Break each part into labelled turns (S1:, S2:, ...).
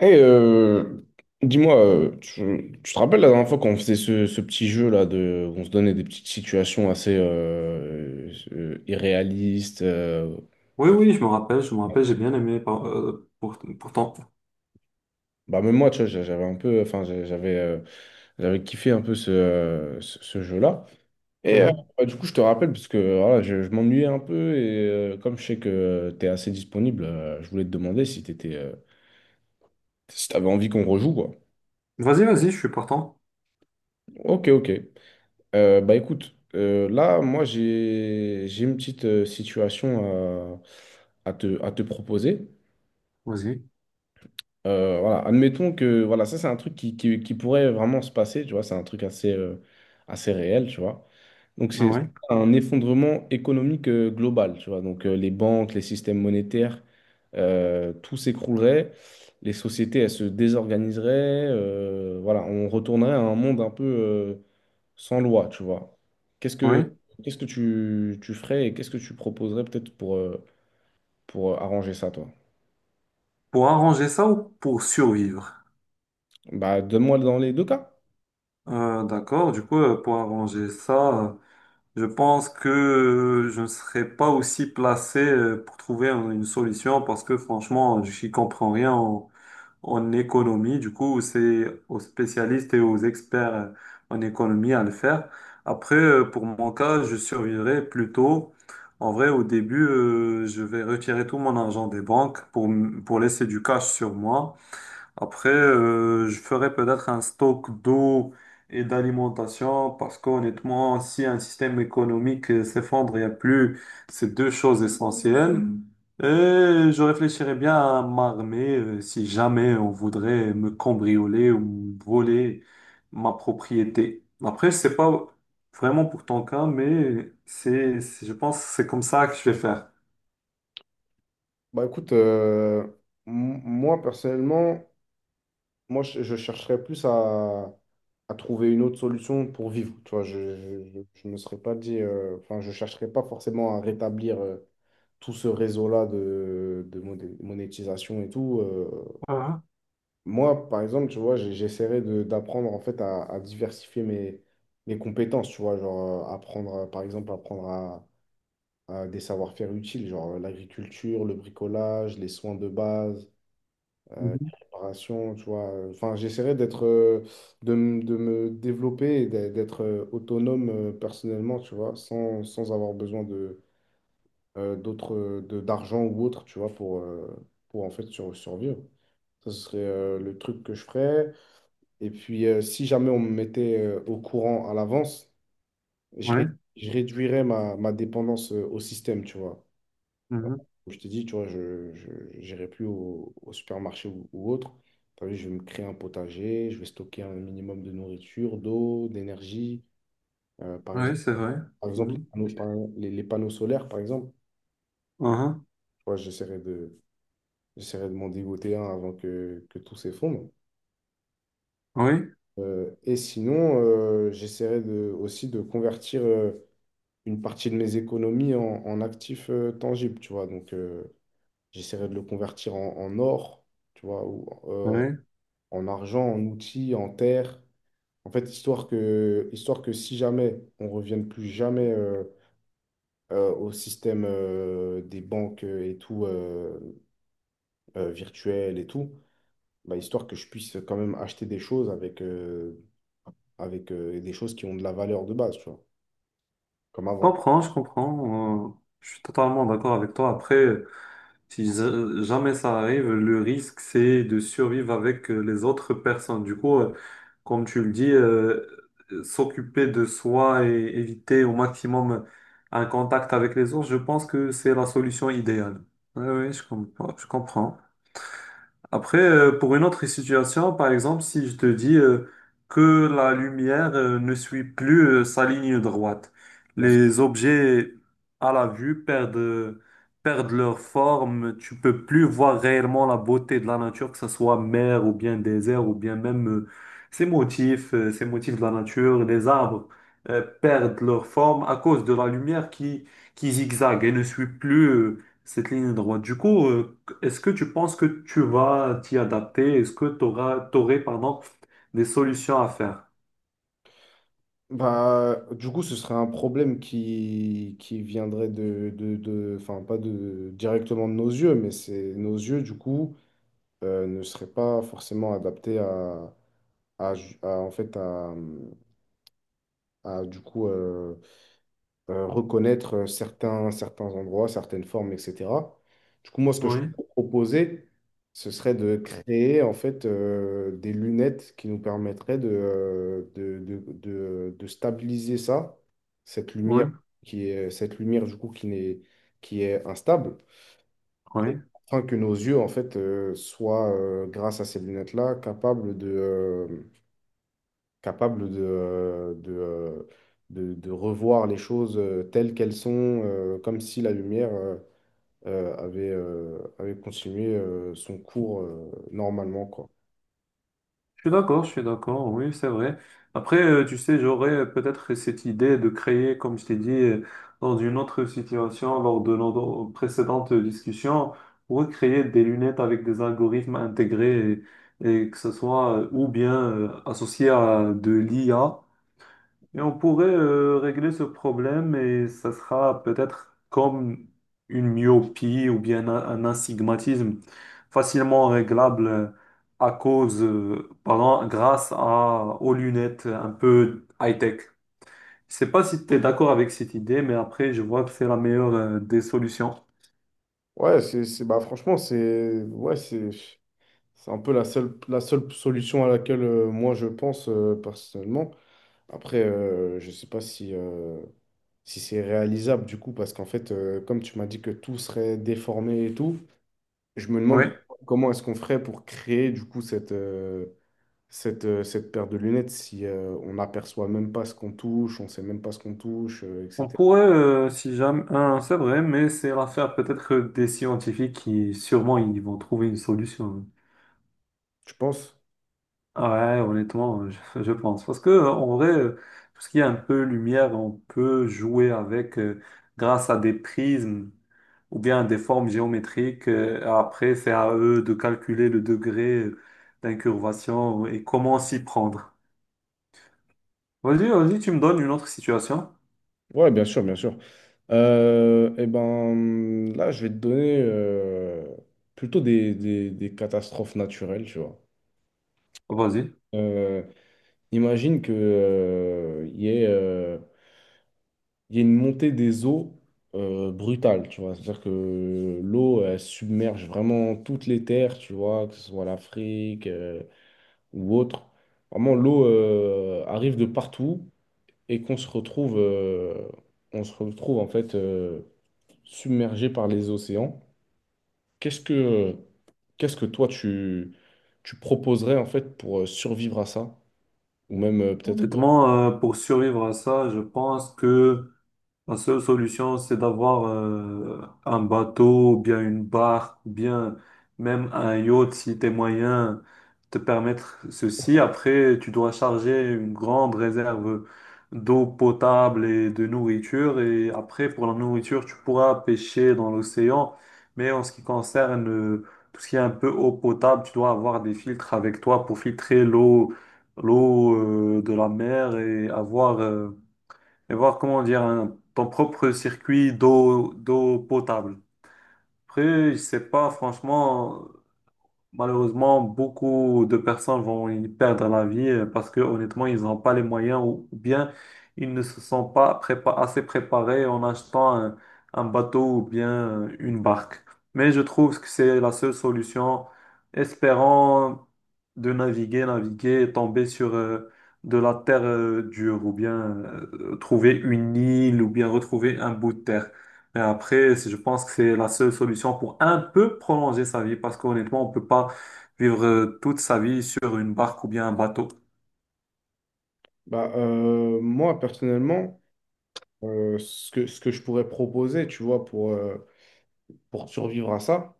S1: Et euh, dis-moi, tu te rappelles la dernière fois qu'on faisait ce petit jeu là de, on se donnait des petites situations assez irréalistes. euh,
S2: Oui, oui, je me rappelle, j'ai bien aimé pourtant.
S1: bah même moi, tu vois, j'avais un peu, j'avais kiffé un peu ce jeu-là. Et euh,
S2: Mhm.
S1: du coup, je te rappelle parce que voilà, je m'ennuyais un peu et comme je sais que tu es assez disponible, je voulais te demander si si t'avais envie qu'on rejoue quoi.
S2: Vas-y, vas-y, je suis partant.
S1: Ok, ok. Bah écoute, là, moi, j'ai une petite situation à te proposer.
S2: Vas-y.
S1: Voilà, admettons que, voilà, ça, c'est un truc qui pourrait vraiment se passer, tu vois, c'est un truc assez réel, tu vois. Donc,
S2: Ah
S1: c'est
S2: oui,
S1: un effondrement économique global, tu vois. Donc, les banques, les systèmes monétaires, tout s'écroulerait, les sociétés, elles se désorganiseraient, voilà, on retournerait à un monde un peu... sans loi, tu vois. Qu'est-ce que
S2: oui.
S1: qu'est-ce que tu ferais et qu'est-ce que tu proposerais peut-être pour arranger ça, toi?
S2: Pour arranger ça ou pour survivre?
S1: Bah, donne-moi dans les deux cas.
S2: D'accord, du coup, pour arranger ça, je pense que je ne serais pas aussi placé pour trouver une solution parce que franchement, je n'y comprends rien en économie. Du coup, c'est aux spécialistes et aux experts en économie à le faire. Après, pour mon cas, je survivrai plutôt. En vrai, au début, je vais retirer tout mon argent des banques pour, pour laisser du cash sur moi. Après, je ferais peut-être un stock d'eau et d'alimentation parce qu'honnêtement, si un système économique s'effondre, il n'y a plus ces deux choses essentielles. Mhm. Et je réfléchirais bien à m'armer si jamais on voudrait me cambrioler ou me voler ma propriété. Après, je sais pas vraiment pour ton cas, mais je pense que c'est comme ça que je vais faire.
S1: Bah écoute, moi personnellement, je chercherais plus à trouver une autre solution pour vivre. Tu vois, je me serais pas dit, enfin, je chercherais pas forcément à rétablir tout ce réseau-là de monétisation et tout. Moi, par exemple, tu vois, j'essaierai de d'apprendre en fait à diversifier mes, mes compétences, tu vois, genre apprendre, par exemple, apprendre à des savoir-faire utiles, genre l'agriculture, le bricolage, les soins de base,
S2: Mhm.
S1: la préparation, tu vois. Enfin, j'essaierai de me développer, et d'être autonome personnellement, tu vois, sans avoir besoin de, d'argent ou autre, tu vois, pour en fait survivre. Ça, ce serait le truc que je ferais. Et puis, si jamais on me mettait au courant à l'avance, je, ré-
S2: Ouais,
S1: je réduirais ma, ma dépendance au système, tu vois. Alors,
S2: mhm.
S1: comme je te dis, tu vois, je n'irai plus au supermarché ou autre. T'as vu, je vais me créer un potager, je vais stocker un minimum de nourriture, d'eau, d'énergie. Par
S2: Ouais,
S1: exemple,
S2: c'est vrai.
S1: par exemple,
S2: Mhm.
S1: les panneaux solaires, par exemple.
S2: Mhm.
S1: Tu vois, j'essaierai de m'en dégoter un avant que tout s'effondre.
S2: Oui.
S1: Et sinon, j'essaierai de, aussi de convertir. Une partie de mes économies en, en actifs tangibles, tu vois. Donc, j'essaierai de le convertir en, en or, tu vois, ou euh,
S2: Oui.
S1: en argent, en outils, en terre. En fait, histoire que si jamais on revienne plus jamais au système des banques et tout, virtuel et tout, bah, histoire que je puisse quand même acheter des choses avec, des choses qui ont de la valeur de base, tu vois, comme
S2: Je
S1: avant.
S2: comprends, je comprends. Je suis totalement d'accord avec toi. Après, si jamais ça arrive, le risque, c'est de survivre avec les autres personnes. Du coup, comme tu le dis, s'occuper de soi et éviter au maximum un contact avec les autres, je pense que c'est la solution idéale. Oui, oui, je comprends. Je comprends. Après, pour une autre situation, par exemple, si je te dis que la lumière ne suit plus sa ligne droite, les objets à la vue perdent leur forme, tu peux plus voir réellement la beauté de la nature, que ce soit mer ou bien désert ou bien même ces ces motifs de la nature, les arbres perdent leur forme à cause de la lumière qui zigzague et ne suit plus cette ligne droite. Du coup, est-ce que tu penses que tu vas t'y adapter? Est-ce que tu aurais, pardon, des solutions à faire?
S1: Bah, du coup, ce serait un problème qui viendrait de- enfin, pas de, directement de nos yeux, mais c'est nos yeux, du coup, ne seraient pas forcément adaptés à, ju- à, en fait, à, du coup, reconnaître certains, certains endroits, certaines formes, etc. Du coup, moi, ce que je
S2: Oui,
S1: proposais, ce serait de créer en fait des lunettes qui nous permettraient de stabiliser ça, cette
S2: oui,
S1: lumière qui est cette lumière du coup qui n'est qui est instable, et
S2: oui.
S1: afin que nos yeux en fait soient grâce à ces lunettes-là capable de revoir les choses telles qu'elles sont, comme si la lumière avait continué son cours normalement, quoi. Bon.
S2: Je suis d'accord, oui, c'est vrai. Après, tu sais, j'aurais peut-être cette idée de créer, comme je t'ai dit, dans une autre situation, lors de notre précédente discussion, recréer des lunettes avec des algorithmes intégrés et, que ce soit ou bien associé à de l'IA. Et on pourrait régler ce problème et ça sera peut-être comme une myopie ou bien un astigmatisme facilement réglable à pardon, grâce à, aux lunettes un peu high-tech. Je sais pas si tu es d'accord avec cette idée, mais après, je vois que c'est la meilleure des solutions.
S1: Ouais, bah, franchement, c'est un peu la seule solution à laquelle moi je pense personnellement. Après, je sais pas si, si c'est réalisable du coup, parce qu'en fait, comme tu m'as dit que tout serait déformé et tout, je me demande
S2: Oui.
S1: comment est-ce qu'on ferait pour créer du coup cette paire de lunettes si on n'aperçoit même pas ce qu'on touche, on sait même pas ce qu'on touche,
S2: On
S1: etc.
S2: pourrait, si jamais, hein, c'est vrai, mais c'est l'affaire peut-être des scientifiques sûrement, ils vont trouver une solution, hein.
S1: Tu penses?
S2: Ouais, honnêtement, je pense. Parce que, en vrai, tout ce qui est un peu lumière, on peut jouer avec grâce à des prismes ou bien des formes géométriques. Après, c'est à eux de calculer le degré d'incurvation et comment s'y prendre. Vas-y, vas-y, tu me donnes une autre situation.
S1: Ouais, bien sûr, bien sûr. Eh ben, là, je vais te donner plutôt des, des catastrophes naturelles, tu vois.
S2: Vas-y.
S1: Euh, Imagine que il y ait il y a une montée des eaux brutale, tu vois. C'est-à-dire que l'eau, elle submerge vraiment toutes les terres, tu vois, que ce soit l'Afrique ou autre. Vraiment, l'eau arrive de partout et qu'on se on se retrouve en fait submergé par les océans. Qu'est-ce que, qu'est-ce que toi, tu proposerais en fait pour survivre à ça? Ou même peut-être...
S2: Honnêtement, pour survivre à ça, je pense que la seule solution, c'est d'avoir un bateau, ou bien une barque, ou bien même un yacht si tes moyens te permettre ceci. Après, tu dois charger une grande réserve d'eau potable et de nourriture. Et après, pour la nourriture, tu pourras pêcher dans l'océan. Mais en ce qui concerne tout ce qui est un peu eau potable, tu dois avoir des filtres avec toi pour filtrer l'eau, l'eau de la mer et avoir et voir comment dire ton propre circuit d'eau potable. Après, je sais pas, franchement, malheureusement, beaucoup de personnes vont y perdre la vie parce que honnêtement, ils n'ont pas les moyens ou bien ils ne se sont pas assez préparés en achetant un bateau ou bien une barque. Mais je trouve que c'est la seule solution, espérant de naviguer, naviguer et tomber sur de la terre dure ou bien trouver une île ou bien retrouver un bout de terre. Et après, je pense que c'est la seule solution pour un peu prolonger sa vie, parce qu'honnêtement, on peut pas vivre toute sa vie sur une barque ou bien un bateau.
S1: Bah, moi, personnellement, ce que je pourrais proposer, tu vois, pour survivre à ça,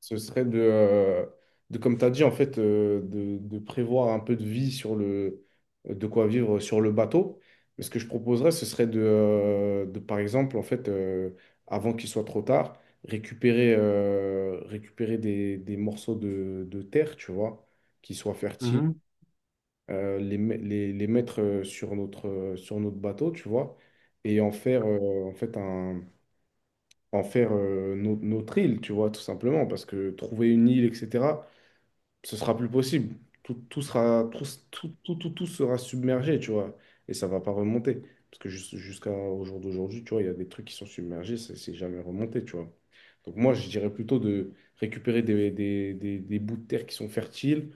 S1: ce serait de comme tu as dit, en fait, de prévoir un peu de vie sur le, de quoi vivre sur le bateau. Mais ce que je proposerais, ce serait de, par exemple, en fait, avant qu'il soit trop tard, récupérer des morceaux de terre, tu vois, qui soient fertiles,
S2: Mhm,
S1: les mettre sur notre bateau, tu vois et en faire en fait un, en faire no- notre île, tu vois, tout simplement, parce que trouver une île, etc., ce sera plus possible. Tout, tout sera, tout, tout, tout, tout, tout sera submergé, tu vois, et ça va pas remonter. Parce que jusqu'à au jour d'aujourd'hui, tu vois, il y a des trucs qui sont submergés, c'est jamais remonté, tu vois. Donc moi, je dirais plutôt de récupérer des bouts de terre qui sont fertiles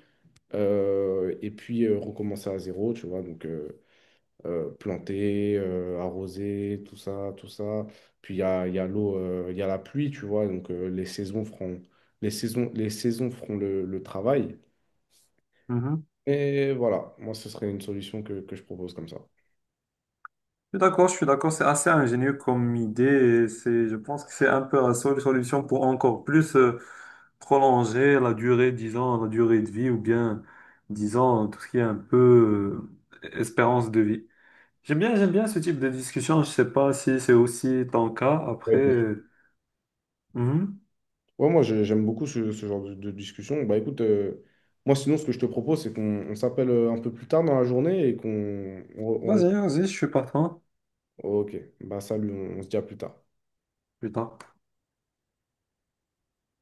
S1: et puis recommencer à zéro, tu vois. Donc, planter, arroser, tout ça, tout ça. Puis il y a l'eau, il y a la pluie, tu vois, donc les saisons les saisons, les saisons feront le travail.
S2: mhm.
S1: Et voilà, moi, ce serait une solution que je propose comme ça.
S2: Je suis d'accord, c'est assez ingénieux comme idée, et je pense que c'est un peu la seule solution pour encore plus prolonger la durée, disons, la durée de vie, ou bien, disons, tout ce qui est un peu espérance de vie. J'aime bien ce type de discussion, je sais pas si c'est aussi ton cas,
S1: Ouais,
S2: après...
S1: bon.
S2: mhm.
S1: Ouais, moi, j'aime beaucoup ce, ce genre de discussion. Bah écoute, moi, sinon, ce que je te propose, c'est qu'on on s'appelle un peu plus tard dans la journée et qu'on...
S2: Vas-y, vas-y, je suis partant.
S1: Ok, bah salut, on se dit à plus tard.
S2: Putain.